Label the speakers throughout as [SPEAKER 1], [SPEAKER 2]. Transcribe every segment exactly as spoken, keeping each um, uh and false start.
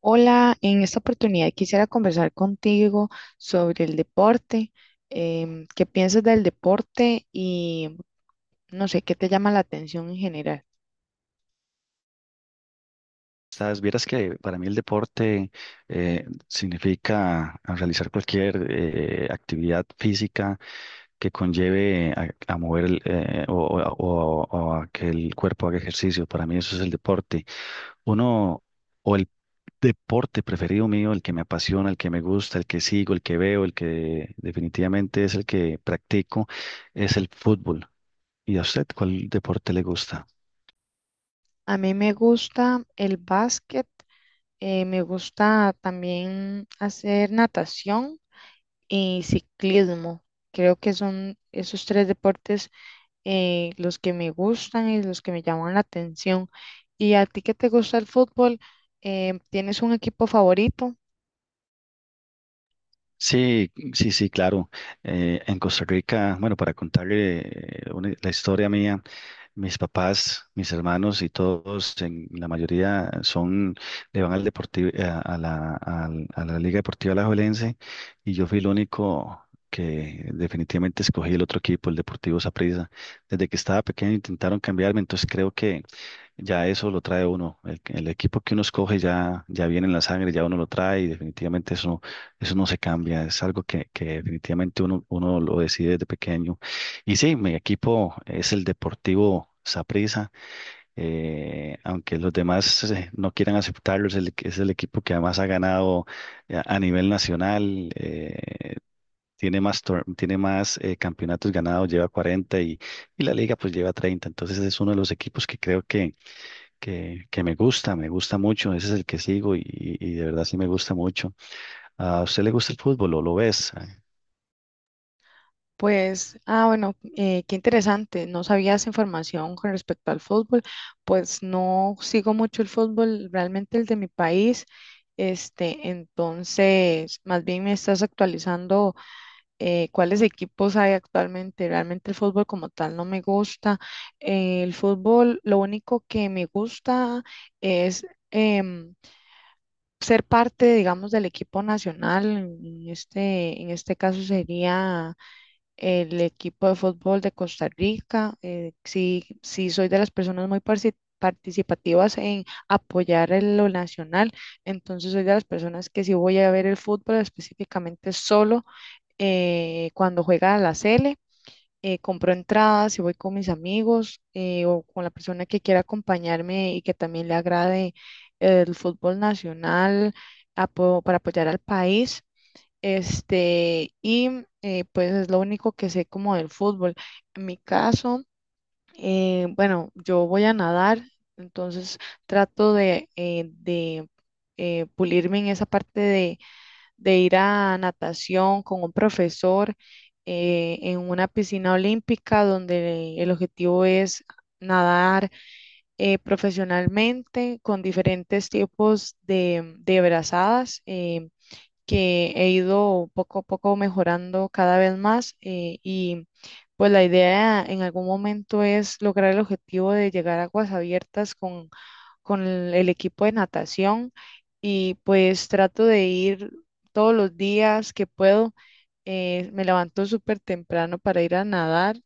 [SPEAKER 1] Hola, en esta oportunidad quisiera conversar contigo sobre el deporte. Em, ¿qué piensas del deporte y no sé, qué te llama la atención en general?
[SPEAKER 2] Sabes, vieras que para mí el deporte eh, significa a realizar cualquier eh, actividad física que conlleve a, a mover el, eh, o, o- o- o a que el cuerpo haga ejercicio. Para mí eso es el deporte. Uno, o el deporte preferido mío, el que me apasiona, el que me gusta, el que sigo, el que veo, el que definitivamente es el que practico, es el fútbol. ¿Y a usted cuál deporte le gusta?
[SPEAKER 1] A mí me gusta el básquet, eh, me gusta también hacer natación y ciclismo. Creo que son esos tres deportes eh, los que me gustan y los que me llaman la atención. ¿Y a ti que te gusta el fútbol? Em, ¿tienes un equipo favorito?
[SPEAKER 2] Sí, sí, sí, claro. Eh, en Costa Rica, bueno, para contarle eh, una- la historia mía, mis papás, mis hermanos y todos, en la mayoría son, le van al deportivo, a, a la, al- a la Liga Deportiva Alajuelense, y yo fui el único que definitivamente escogí el otro equipo, el Deportivo Saprissa. Desde que estaba pequeño intentaron cambiarme, entonces creo que ya eso lo trae uno. El, el equipo que uno escoge ya, ya viene en la sangre, ya uno lo trae, y definitivamente eso eso no se cambia, es algo que, que definitivamente uno, uno lo decide desde pequeño. Y sí, mi equipo es el Deportivo Saprissa, eh, aunque los demás eh, no quieran aceptarlo, es el, es el equipo que además ha ganado eh, a nivel nacional. Eh, tiene más, tor- tiene más eh, campeonatos ganados, lleva cuarenta y, y la liga pues lleva treinta. Entonces es uno de los equipos que creo que, que, que me gusta, me gusta mucho, ese es el que sigo y, y y de verdad sí me gusta mucho. ¿A usted le gusta el fútbol o lo ves?
[SPEAKER 1] Pues, ah, bueno, eh, qué interesante. No sabía esa información con respecto al fútbol. Pues no sigo mucho el fútbol, realmente el de mi país. Este, entonces, más bien me estás actualizando eh, cuáles equipos hay actualmente. Realmente el fútbol como tal no me gusta. Eh, el fútbol, lo único que me gusta es em, ser parte, digamos, del equipo nacional. En este, en este caso sería el equipo de fútbol de Costa Rica. Eh, sí, sí soy de las personas muy parci- participativas en apoyar en lo nacional, entonces soy de las personas que sí voy a ver el fútbol específicamente solo eh, cuando juega la Sele. Eh, compro entradas y voy con mis amigos eh, o con la persona que quiera acompañarme y que también le agrade el fútbol nacional apo- para apoyar al país. Este, y eh, pues es lo único que sé como del fútbol. En mi caso, eh, bueno, yo voy a nadar, entonces trato de, eh, de eh, pulirme en esa parte de, de ir a natación con un profesor eh, en una piscina olímpica donde el objetivo es nadar eh, profesionalmente con diferentes tipos de, de brazadas. Eh, que he ido poco a poco mejorando cada vez más eh, y pues la idea en algún momento es lograr el objetivo de llegar a aguas abiertas con, con el el equipo de natación y pues trato de ir todos los días que puedo. Eh, me levanto súper temprano para ir a nadar,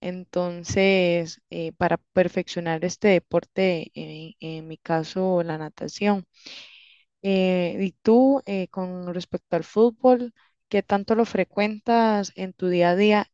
[SPEAKER 1] entonces eh, para perfeccionar este deporte, en en mi caso la natación. Eh, y tú, eh, con respecto al fútbol, ¿qué tanto lo frecuentas en tu día a día?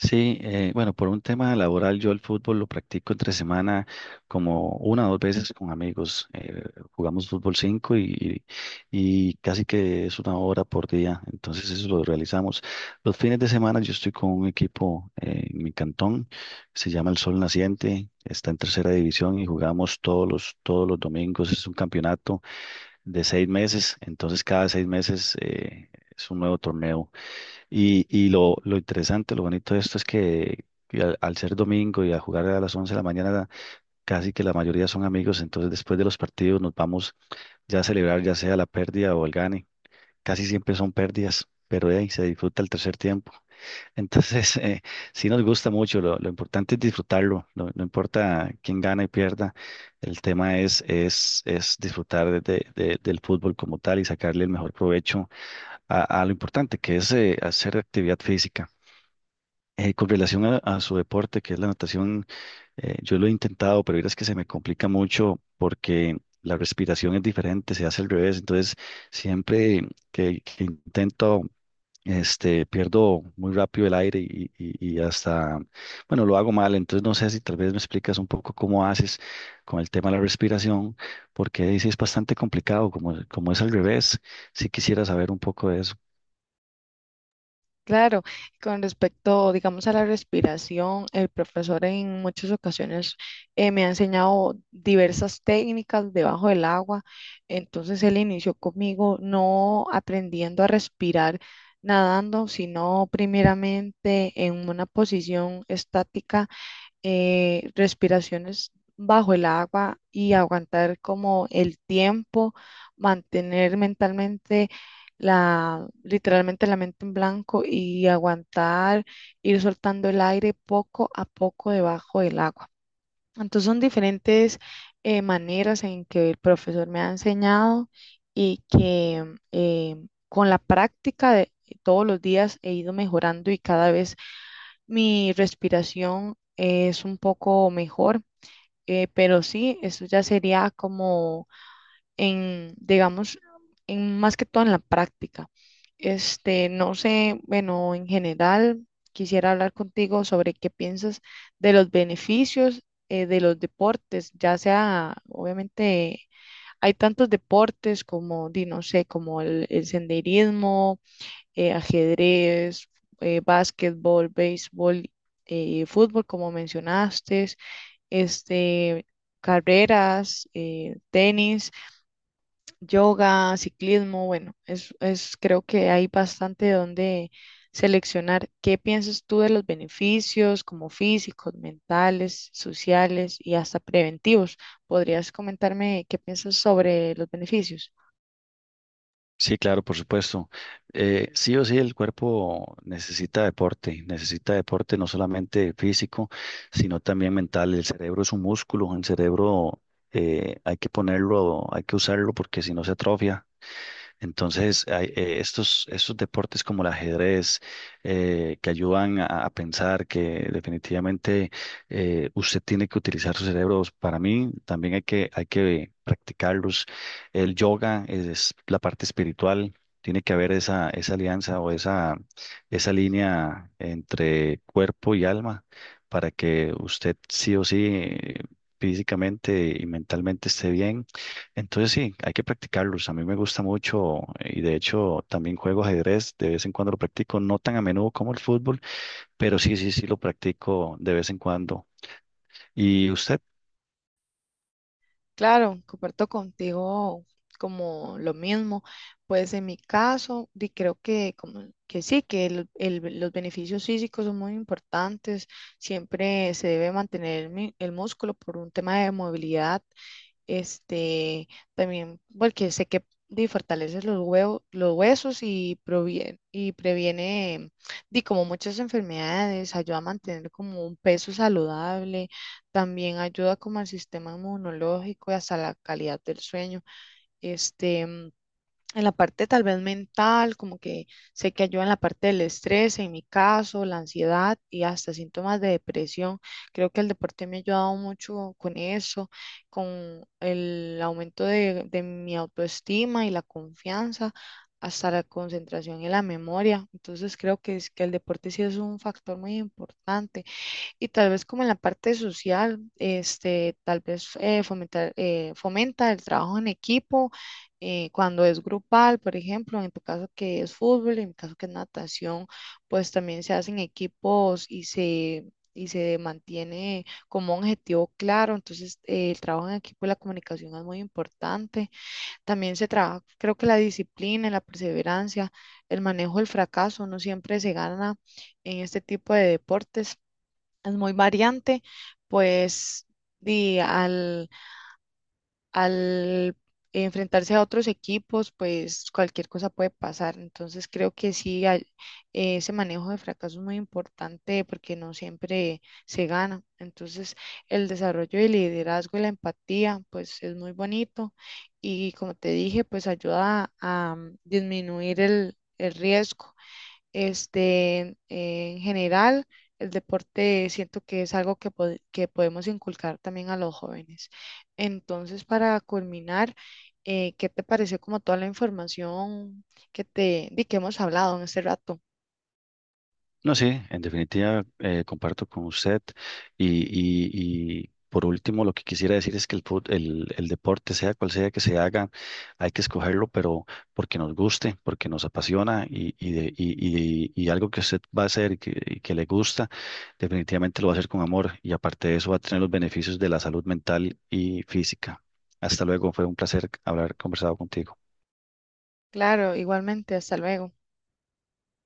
[SPEAKER 2] Sí, eh, bueno, por un tema laboral yo el fútbol lo practico entre semana como una o dos veces con amigos. Eh, jugamos fútbol cinco y, y casi que es una hora por día, entonces eso lo realizamos. Los fines de semana yo estoy con un equipo eh, en mi cantón, se llama El Sol Naciente, está en tercera división y jugamos todos los, todos los domingos. Es un campeonato de seis meses, entonces cada seis meses eh, es un nuevo torneo. Y, y lo, lo interesante, lo bonito de esto es que, que al, al ser domingo y a jugar a las once de la mañana, casi que la mayoría son amigos, entonces después de los partidos nos vamos ya a celebrar ya sea la pérdida o el gane. Casi siempre son pérdidas, pero ahí se disfruta el tercer tiempo. Entonces, eh, sí nos gusta mucho, lo, lo importante es disfrutarlo, no, no importa quién gana y pierda, el tema es, es, es disfrutar de- de- del fútbol como tal y sacarle el mejor provecho a, a lo importante que es eh, hacer actividad física. Eh, con relación a, a su deporte, que es la natación, eh, yo lo he intentado, pero es que se me complica mucho porque la respiración es diferente, se hace al revés. Entonces, siempre que, que intento, este, pierdo muy rápido el aire y, y- y hasta, bueno, lo hago mal. Entonces, no sé si tal vez me explicas un poco cómo haces con el tema de la respiración, porque ahí sí es bastante complicado, como, como es al revés. Sí quisiera saber un poco de eso.
[SPEAKER 1] Claro, con respecto, digamos, a la respiración, el profesor en muchas ocasiones eh, me ha enseñado diversas técnicas debajo del agua. Entonces él inició conmigo no aprendiendo a respirar nadando, sino primeramente en una posición estática eh, respiraciones bajo el agua y aguantar como el tiempo, mantener mentalmente la, literalmente la mente en blanco y aguantar, ir soltando el aire poco a poco debajo del agua. Entonces son diferentes eh, maneras en que el profesor me ha enseñado y que eh, con la práctica de todos los días he ido mejorando y cada vez mi respiración es un poco mejor, eh, pero sí, eso ya sería como en, digamos, en más que todo en la práctica. Este, no sé, bueno, en general, quisiera hablar contigo sobre qué piensas de los beneficios eh, de los deportes, ya sea, obviamente, hay tantos deportes como, di, no sé, como el, el senderismo eh, ajedrez, eh, básquetbol, béisbol, eh, fútbol, como mencionaste, este, carreras, eh, tenis, yoga, ciclismo, bueno, es, es, creo que hay bastante donde seleccionar. ¿Qué piensas tú de los beneficios como físicos, mentales, sociales y hasta preventivos? ¿Podrías comentarme qué piensas sobre los beneficios?
[SPEAKER 2] Sí, claro, por supuesto. Eh, sí o sí, el cuerpo necesita deporte, necesita deporte no solamente físico, sino también mental. El cerebro es un músculo. El cerebro eh, hay que ponerlo, hay que usarlo porque si no se atrofia. Entonces, hay, eh, estos, estos deportes como el ajedrez, eh, que ayudan a, a pensar que definitivamente eh, usted tiene que utilizar su cerebro. Para mí también hay que, hay que practicarlos. El yoga es, es la parte espiritual. Tiene que haber esa, esa alianza o esa, esa línea entre cuerpo y alma para que usted sí o sí eh, físicamente y mentalmente esté bien. Entonces sí, hay que practicarlos. A mí me gusta mucho eh, y de hecho también juego ajedrez, de vez en cuando lo practico, no tan a menudo como el fútbol, pero sí, sí, sí lo practico de vez en cuando. ¿Y usted?
[SPEAKER 1] Claro, comparto contigo como lo mismo. Pues en mi caso, di- creo que, como, que sí, que el- el- los beneficios físicos son muy importantes. Siempre se debe mantener el, mi- el músculo por un tema de movilidad. Este, también porque sé que di, fortalece los huevos, los huesos y proviene, y previene di, como muchas enfermedades, ayuda a mantener como un peso saludable, también ayuda como al sistema inmunológico y hasta la calidad del sueño. Este, mm, en la parte tal vez mental, como que sé que ayuda en la parte del estrés, en mi caso, la ansiedad y hasta síntomas de depresión. Creo que el deporte me ha ayudado mucho con eso, con el aumento de, de mi autoestima y la confianza, hasta la concentración y la memoria. Entonces creo que, es, que el deporte sí es un factor muy importante. Y tal vez como en la parte social, este, tal vez eh, fomentar, eh, fomenta el trabajo en equipo, eh, cuando es grupal, por ejemplo, en tu caso que es fútbol, en mi caso que es natación, pues también se hacen equipos y se, y se mantiene como un objetivo claro. Entonces, eh, el trabajo en equipo y la comunicación es muy importante. También se trabaja, creo que la disciplina, la perseverancia, el manejo del fracaso, no siempre se gana en este tipo de deportes es muy variante, pues di, al, al enfrentarse a otros equipos, pues cualquier cosa puede pasar. Entonces creo que sí, hay- ese manejo de fracaso es muy importante porque no siempre se gana. Entonces el desarrollo del liderazgo y la empatía, pues es muy bonito y como te dije, pues ayuda a, mm, disminuir el el riesgo. Este, en general, el deporte siento que es algo que, pod- que podemos inculcar también a los jóvenes. Entonces, para culminar, eh, ¿qué te pareció como toda la información que te di que hemos hablado en este rato?
[SPEAKER 2] No, sí, en definitiva eh, comparto con usted y, y- y por último lo que quisiera decir es que el, fut- el, el deporte, sea cual sea que se haga, hay que escogerlo, pero porque nos guste, porque nos apasiona y, y, de- y- y- y algo que usted va a hacer y que, y que le gusta, definitivamente lo va a hacer con amor y aparte de eso va a tener los beneficios de la salud mental y física. Hasta luego, fue un placer haber conversado contigo.
[SPEAKER 1] Claro, igualmente, hasta luego.